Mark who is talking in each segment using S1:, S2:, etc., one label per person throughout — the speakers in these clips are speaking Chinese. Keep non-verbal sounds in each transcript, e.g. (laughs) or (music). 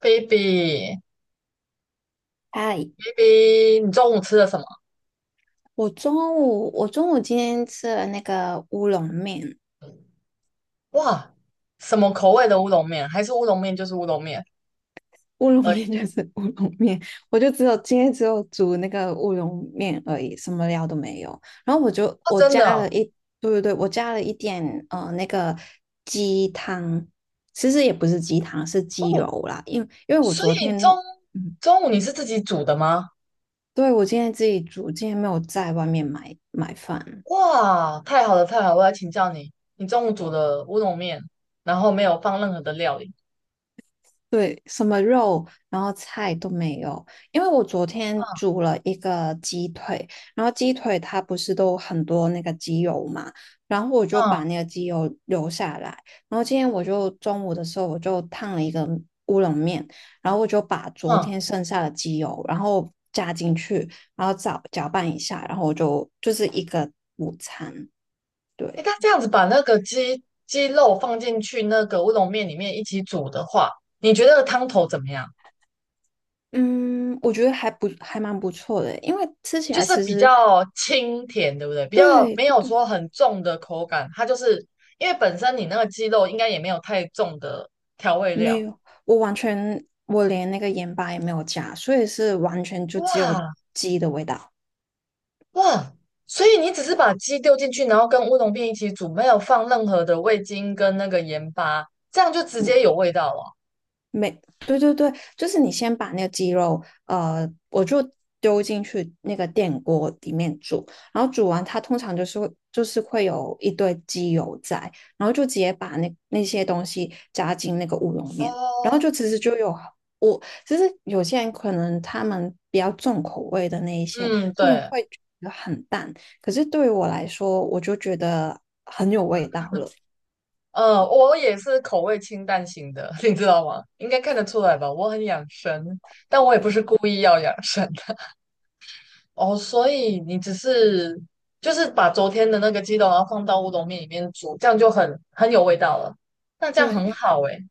S1: ，baby
S2: 嗨，
S1: baby，你中午吃了什么？
S2: 我中午今天吃了那个乌龙面，
S1: 哇，什么口味的乌龙面？还是乌龙面就是乌龙面
S2: 乌龙
S1: 而已？
S2: 面 (laughs) 就是乌龙面，我就只有今天只有煮那个乌龙面而已，什么料都没有。然后我就
S1: 哦，
S2: 我
S1: 真的
S2: 加
S1: 哦。
S2: 了一，对对对，我加了一点那个鸡汤，其实也不是鸡汤，是鸡油
S1: 哦，
S2: 啦，因为我
S1: 所
S2: 昨
S1: 以
S2: 天，
S1: 中
S2: 嗯，
S1: 中午你是自己煮的吗？
S2: 对，我今天自己煮，今天没有在外面买饭。
S1: 哇，太好了太好了，我要请教你，你中午煮的乌龙面，然后没有放任何的料理，
S2: 对，什么肉，然后菜都没有，因为我昨天
S1: 嗯
S2: 煮了一个鸡腿，然后鸡腿它不是都很多那个鸡油嘛，然后我就
S1: 嗯
S2: 把那个鸡油留下来，然后今天我就中午的时候我就烫了一个乌龙面，然后我就把昨
S1: 嗯，
S2: 天剩下的鸡油，然后加进去，然后搅拌一下，然后我就就是一个午餐，
S1: 诶，
S2: 对。
S1: 那这样子把那个鸡肉放进去那个乌龙面里面一起煮的话，你觉得汤头怎么样？
S2: 嗯，我觉得还蛮不错的，因为吃起
S1: 就
S2: 来
S1: 是
S2: 其
S1: 比
S2: 实，
S1: 较清甜，对不对？比较
S2: 对
S1: 没
S2: 对
S1: 有
S2: 对
S1: 说
S2: 对。
S1: 很重的口感，它就是因为本身你那个鸡肉应该也没有太重的调味
S2: 没
S1: 料。
S2: 有，我完全我连那个盐巴也没有加，所以是完全就只有
S1: 哇
S2: 鸡的味道。
S1: 哇，所以你只是把鸡丢进去，然后跟乌龙片一起煮，没有放任何的味精跟那个盐巴，这样就直接
S2: 嗯，
S1: 有味道了。
S2: 对对对，就是你先把那个鸡肉，我就丢进去那个电锅里面煮，然后煮完它通常就是会有一堆鸡油在，然后就直接把那些东西加进那个乌龙面，然后
S1: 哦，
S2: 就其实就有，我其实有些人可能他们比较重口味的那一些，
S1: 嗯，
S2: 他们
S1: 对，
S2: 会觉得很淡，可是对于我来说，我就觉得很有味道了。
S1: 我也是口味清淡型的，(laughs) 你知道吗？应该看得出来吧？我很养生，但我也不是故意要养生。哦，所以你只是就是把昨天的那个鸡肉，然后放到乌冬面里面煮，这样就很有味道了。那这样
S2: 对
S1: 很好诶，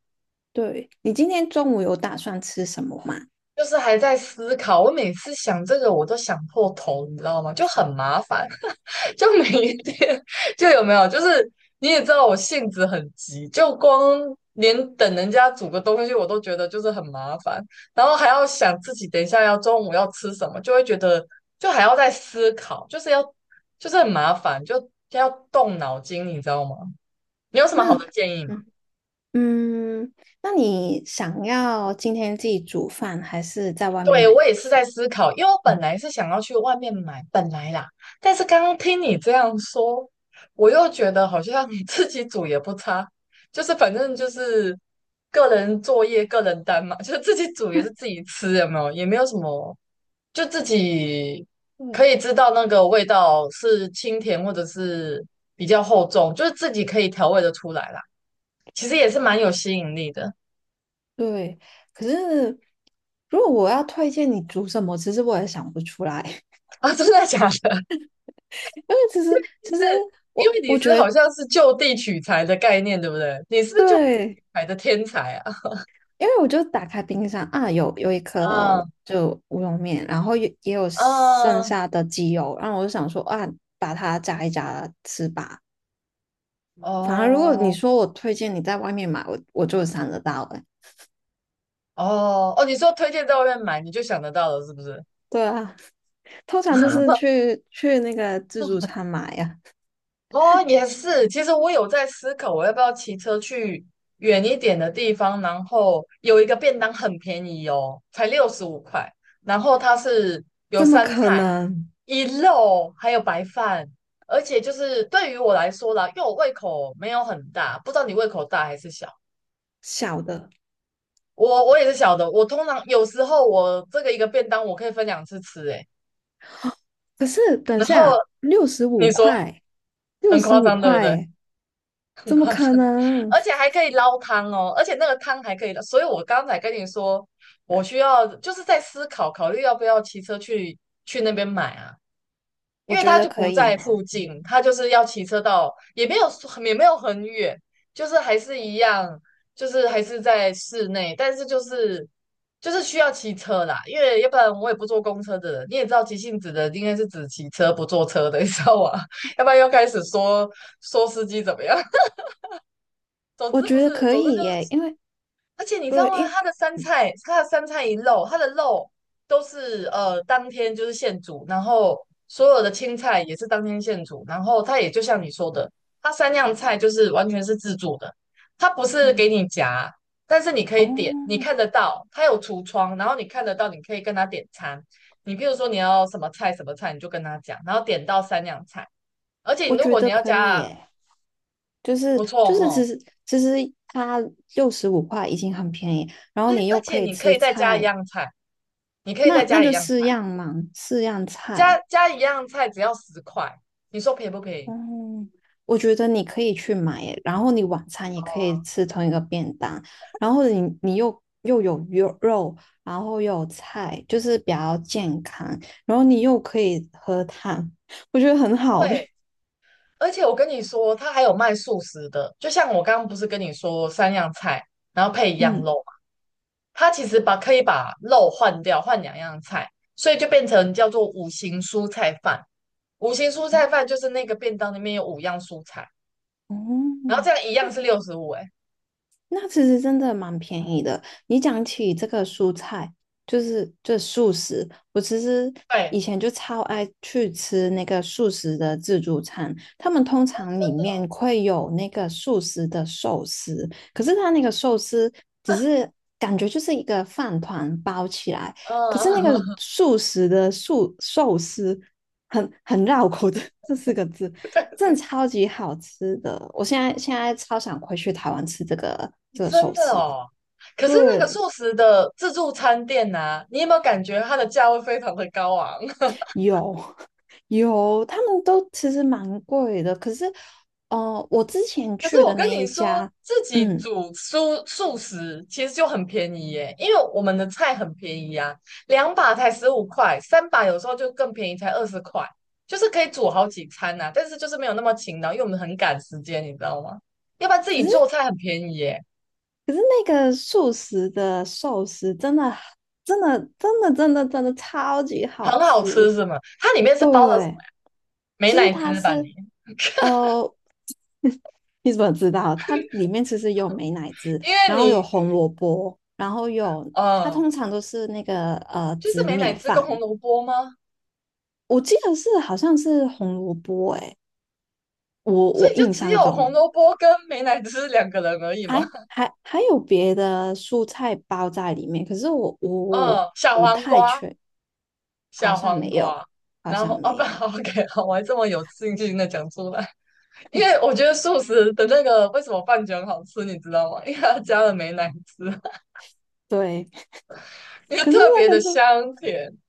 S2: 对，你今天中午有打算吃什么吗？
S1: 就是还在思考。我每次想这个，我都想破头，你知道吗？就很麻烦。(laughs) 就每一天就有没有，就是你也知道我性子很急，就光连等人家煮个东西我都觉得就是很麻烦，然后还要想自己等一下要中午要吃什么，就会觉得就还要再思考，就是要就是很麻烦，就要动脑筋，你知道吗？你有什么
S2: 那
S1: 好的建议吗？
S2: 嗯嗯，那你想要今天自己煮饭，还是在外面
S1: 对，
S2: 买？
S1: 我也是在思考，因为我本来是想要去外面买，本来啦，但是刚刚听你这样说，我又觉得好像 (laughs) 自己煮也不差，就是反正就是个人作业、个人单嘛，就是自己煮也是自己吃，有没有？也没有什么，就自己
S2: 对
S1: 可以知道那个味道是清甜或者是比较厚重，就是自己可以调味的出来啦。其实也是蛮有吸引力的
S2: 对，可是如果我要推荐你煮什么，其实我也想不出来，
S1: 啊，真的假的？
S2: (laughs) 因为其实
S1: 是因为
S2: 我
S1: 你
S2: 我觉
S1: 是好
S2: 得
S1: 像是就地取材的概念，对不对？你是不是就地
S2: 对，
S1: 取材的天才啊？
S2: 因为我就打开冰箱啊，有一颗
S1: 嗯
S2: 就乌龙面，然后也有剩
S1: 嗯，
S2: 下的鸡油，然后我就想说啊，把它炸一加吃吧。反而如果你
S1: 哦
S2: 说我推荐你在外面买，我就想得到哎、欸
S1: 哦哦，你说推荐在外面买，你就想得到了，是不是？
S2: 对啊。通常都是
S1: (laughs)
S2: 去那个自助餐买呀，
S1: 哦，也是。其实我有在思考，我要不要骑车去远一点的地方，然后有一个便当很便宜哦，才65块。然后它是有
S2: 怎么
S1: 三
S2: 可
S1: 菜、
S2: 能？
S1: 一肉，还有白饭，而且就是对于我来说啦，因为我胃口没有很大，不知道你胃口大还是小。
S2: 小的？
S1: 我也是小的，我通常有时候我这个一个便当我可以分两次吃，欸诶。
S2: 可是等
S1: 然后
S2: 下六十
S1: 你
S2: 五
S1: 说
S2: 块，六
S1: 很
S2: 十
S1: 夸
S2: 五
S1: 张，对不对？
S2: 块，怎么可能？
S1: 而且还可以捞汤哦，而且那个汤还可以捞。所以我刚才跟你说，我需要就是在思考考虑要不要骑车去那边买啊，因
S2: 我
S1: 为
S2: 觉
S1: 他
S2: 得
S1: 就
S2: 可
S1: 不在
S2: 以，
S1: 附近，他就是要骑车到，也没有也没有很远，就是还是一样，就是还是在室内，但是就是需要骑车啦，因为要不然我也不坐公车的人，你也知道急性子的应该是只骑车不坐车的，你知道吗？(laughs) 要不然又开始说司机怎么样。总
S2: 我
S1: 之不
S2: 觉得
S1: 是，
S2: 可
S1: 总之就
S2: 以耶，
S1: 是，
S2: 因为
S1: 而且你知道
S2: 对，
S1: 吗？
S2: 因
S1: 它的三菜，它的三菜一肉，它的肉都是当天就是现煮，然后所有的青菜也是当天现煮，然后它也就像你说的，它三样菜就是完全是自助的，它不是
S2: 嗯
S1: 给你夹，但是你可以点，你
S2: 哦，
S1: 看得到，它有橱窗，然后你看得到，你可以跟他点餐。你比如说你要什么菜什么菜，你就跟他讲，然后点到三样菜，而且
S2: 我
S1: 如
S2: 觉
S1: 果你
S2: 得
S1: 要
S2: 可以
S1: 加
S2: 耶，就是
S1: 不错
S2: 就是
S1: 哈，
S2: 其实它六十五块已经很便宜，然后
S1: 而
S2: 你又
S1: 而
S2: 可
S1: 且
S2: 以
S1: 你可
S2: 吃
S1: 以再加一
S2: 菜，
S1: 样菜。你可以再
S2: 那
S1: 加一
S2: 就
S1: 样
S2: 四
S1: 菜，
S2: 样嘛，四样
S1: 加
S2: 菜。
S1: 加一样菜只要十块，你说便宜不便宜？
S2: 嗯，我觉得你可以去买耶然后你晚餐也可以吃同一个便当，然后你又有肉，然后又有菜，就是比较健康，然后你又可以喝汤，我觉得很好
S1: 对，
S2: 诶。
S1: 而且我跟你说，它还有卖素食的，就像我刚刚不是跟你说三样菜，然后配一
S2: (laughs)
S1: 样肉
S2: 嗯，
S1: 嘛，它其实把可以把肉换掉，换两样菜，所以就变成叫做五行蔬菜饭。五行蔬菜饭就是那个便当里面有五样蔬菜，然后
S2: 哦，
S1: 这样一样是六十五，哎，
S2: 那其实真的蛮便宜的。你讲起这个蔬菜，就是这素食，我其实
S1: 对，
S2: 以前就超爱去吃那个素食的自助餐，他们通常里
S1: 真的，
S2: 面会有那个素食的寿司，可是它那个寿司只是感觉就是一个饭团包起来，可是那个
S1: 嗯，
S2: 素食的素寿司很绕口的这四个字，
S1: (laughs)
S2: 真
S1: 对
S2: 的超级好吃的。我现在超想回去台湾吃这个
S1: 真
S2: 寿
S1: 的
S2: 司。
S1: 哦。可是那个
S2: 对，
S1: 素食的自助餐店呐、啊你有没有感觉它的价位非常的高昂？(laughs)
S2: 有有，他们都其实蛮贵的，可是我之前
S1: 可是
S2: 去
S1: 我
S2: 的
S1: 跟
S2: 那
S1: 你
S2: 一
S1: 说，
S2: 家，
S1: 自己
S2: 嗯，
S1: 煮蔬素食其实就很便宜耶，因为我们的菜很便宜啊，两把才十五块，三把有时候就更便宜，才20块，就是可以煮好几餐呐、啊但是就是没有那么勤劳，因为我们很赶时间，你知道吗？要不然自
S2: 可
S1: 己
S2: 是
S1: 做菜很便宜耶，
S2: 可是那个素食的寿司真的真的真的真的真的超级好
S1: 很好吃
S2: 吃。
S1: 是吗？它里面是包了什么？
S2: 对，
S1: 美
S2: 其实
S1: 乃
S2: 它
S1: 滋吧你？
S2: 是，呃，(laughs) 你怎么知道？它里面其实有美乃滋，
S1: 因为
S2: 然后有
S1: 你，
S2: 红萝卜，然后有它
S1: 嗯、
S2: 通常都是那个
S1: 就是
S2: 紫
S1: 美乃
S2: 米
S1: 滋跟
S2: 饭，
S1: 红萝卜吗？
S2: 我记得是好像是红萝卜，诶，我
S1: 所以
S2: 我
S1: 就
S2: 印
S1: 只
S2: 象
S1: 有红
S2: 中
S1: 萝卜跟美乃滋两个人而已嘛。
S2: 还有别的蔬菜包在里面，可是我
S1: 嗯，小
S2: 不
S1: 黄
S2: 太
S1: 瓜，
S2: 确，好
S1: 小
S2: 像没
S1: 黄
S2: 有，
S1: 瓜。
S2: 好
S1: 然
S2: 像
S1: 后哦
S2: 没
S1: 不
S2: 有。
S1: 好，OK，(laughs) 好，我还这么有自信的讲出来，因为
S2: (laughs)
S1: 我觉得素食的那个为什么饭卷好吃，你知道吗？因为它加了美乃滋，(laughs)
S2: 对，
S1: 因为
S2: 可是
S1: 特别
S2: 那
S1: 的
S2: 个是。
S1: 香甜。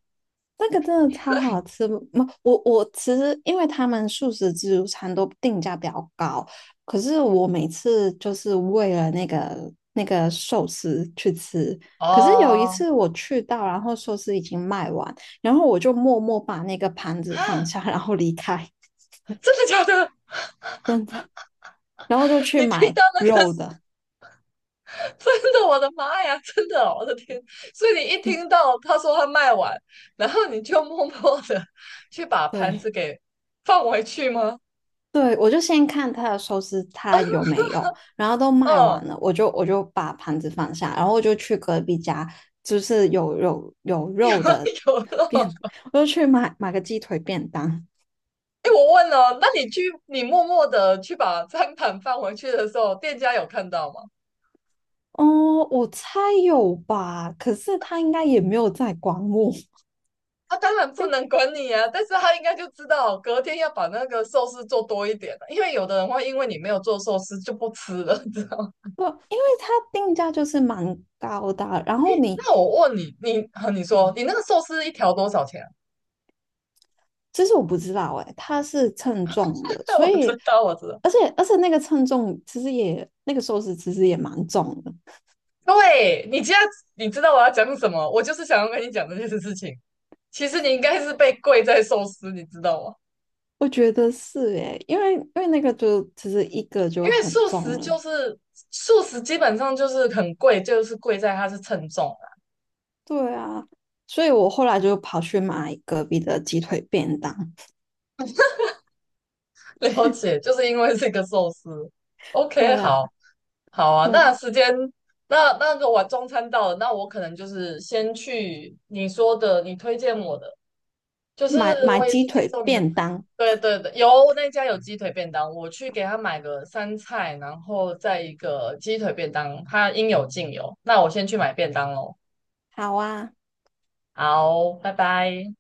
S2: 那个真的超好
S1: 对，
S2: 吃，嗯我其实因为他们素食自助餐都定价比较高，可是我每次就是为了那个寿司去吃，可是有一
S1: 哦，
S2: 次我去到，然后寿司已经卖完，然后我就默默把那个盘子放
S1: 啊，
S2: 下，然后离开，
S1: 真的假的？
S2: 真的，然后就去
S1: 你听
S2: 买
S1: 到那个
S2: 肉的，
S1: (laughs) 真的，我的妈呀，(laughs) 真的哦我的天！所以你一听
S2: (laughs)
S1: 到他说他卖完，然后你就默默的去把盘子
S2: 对。
S1: 给放回去吗？
S2: 对，我就先看他的寿司，他有没有，然后都卖完
S1: 嗯，
S2: 了，我就把盘子放下，然后我就去隔壁家，就是有
S1: (laughs) 有
S2: 肉
S1: 啊
S2: 的
S1: 有啊。
S2: 便，(laughs) 我就去买个鸡腿便当。
S1: 哎，我问了，那你去你默默的去把餐盘放回去的时候，店家有看到吗？
S2: 哦，我猜有吧，可是他应该也没有在管我，(laughs)
S1: 他当然不能管你啊，但是他应该就知道隔天要把那个寿司做多一点了，因为有的人会因为你没有做寿司就不吃了，你知道吗？
S2: 不，因为他定价就是蛮高的啊然后你，
S1: 那我问你，你，啊你说
S2: 嗯，
S1: 你那个寿司一条多少钱？
S2: 其实我不知道哎，他是称重的，
S1: (laughs)
S2: 所
S1: 我知
S2: 以，
S1: 道，我知道。
S2: 而且那个称重其实也那个寿司其实也蛮重的，
S1: 对，你这样，你知道我要讲什么？我就是想要跟你讲这件事情。其实你应该是被贵在寿司，你知道吗？
S2: 我觉得是诶，因为那个就其实一个
S1: 因
S2: 就
S1: 为
S2: 很
S1: 素食
S2: 重了，
S1: 就是素食，基本上就是很贵，就是贵在它是称重啊。
S2: 对啊，所以我后来就跑去买隔壁的鸡腿便当，
S1: (laughs) 了解，就是因为这个寿司。OK，
S2: 对啊，
S1: 好，好啊。
S2: 对
S1: 那
S2: 啊，
S1: 时间，那那个我中餐到了，那我可能就是先去你说的，你推荐我的。就是
S2: 买
S1: 我也
S2: 鸡
S1: 是接
S2: 腿
S1: 受你的，
S2: 便当，
S1: 对对对，有那家有鸡腿便当，我去给他买个三菜，然后再一个鸡腿便当，他应有尽有。那我先去买便当喽，
S2: 好啊。
S1: 好，拜拜。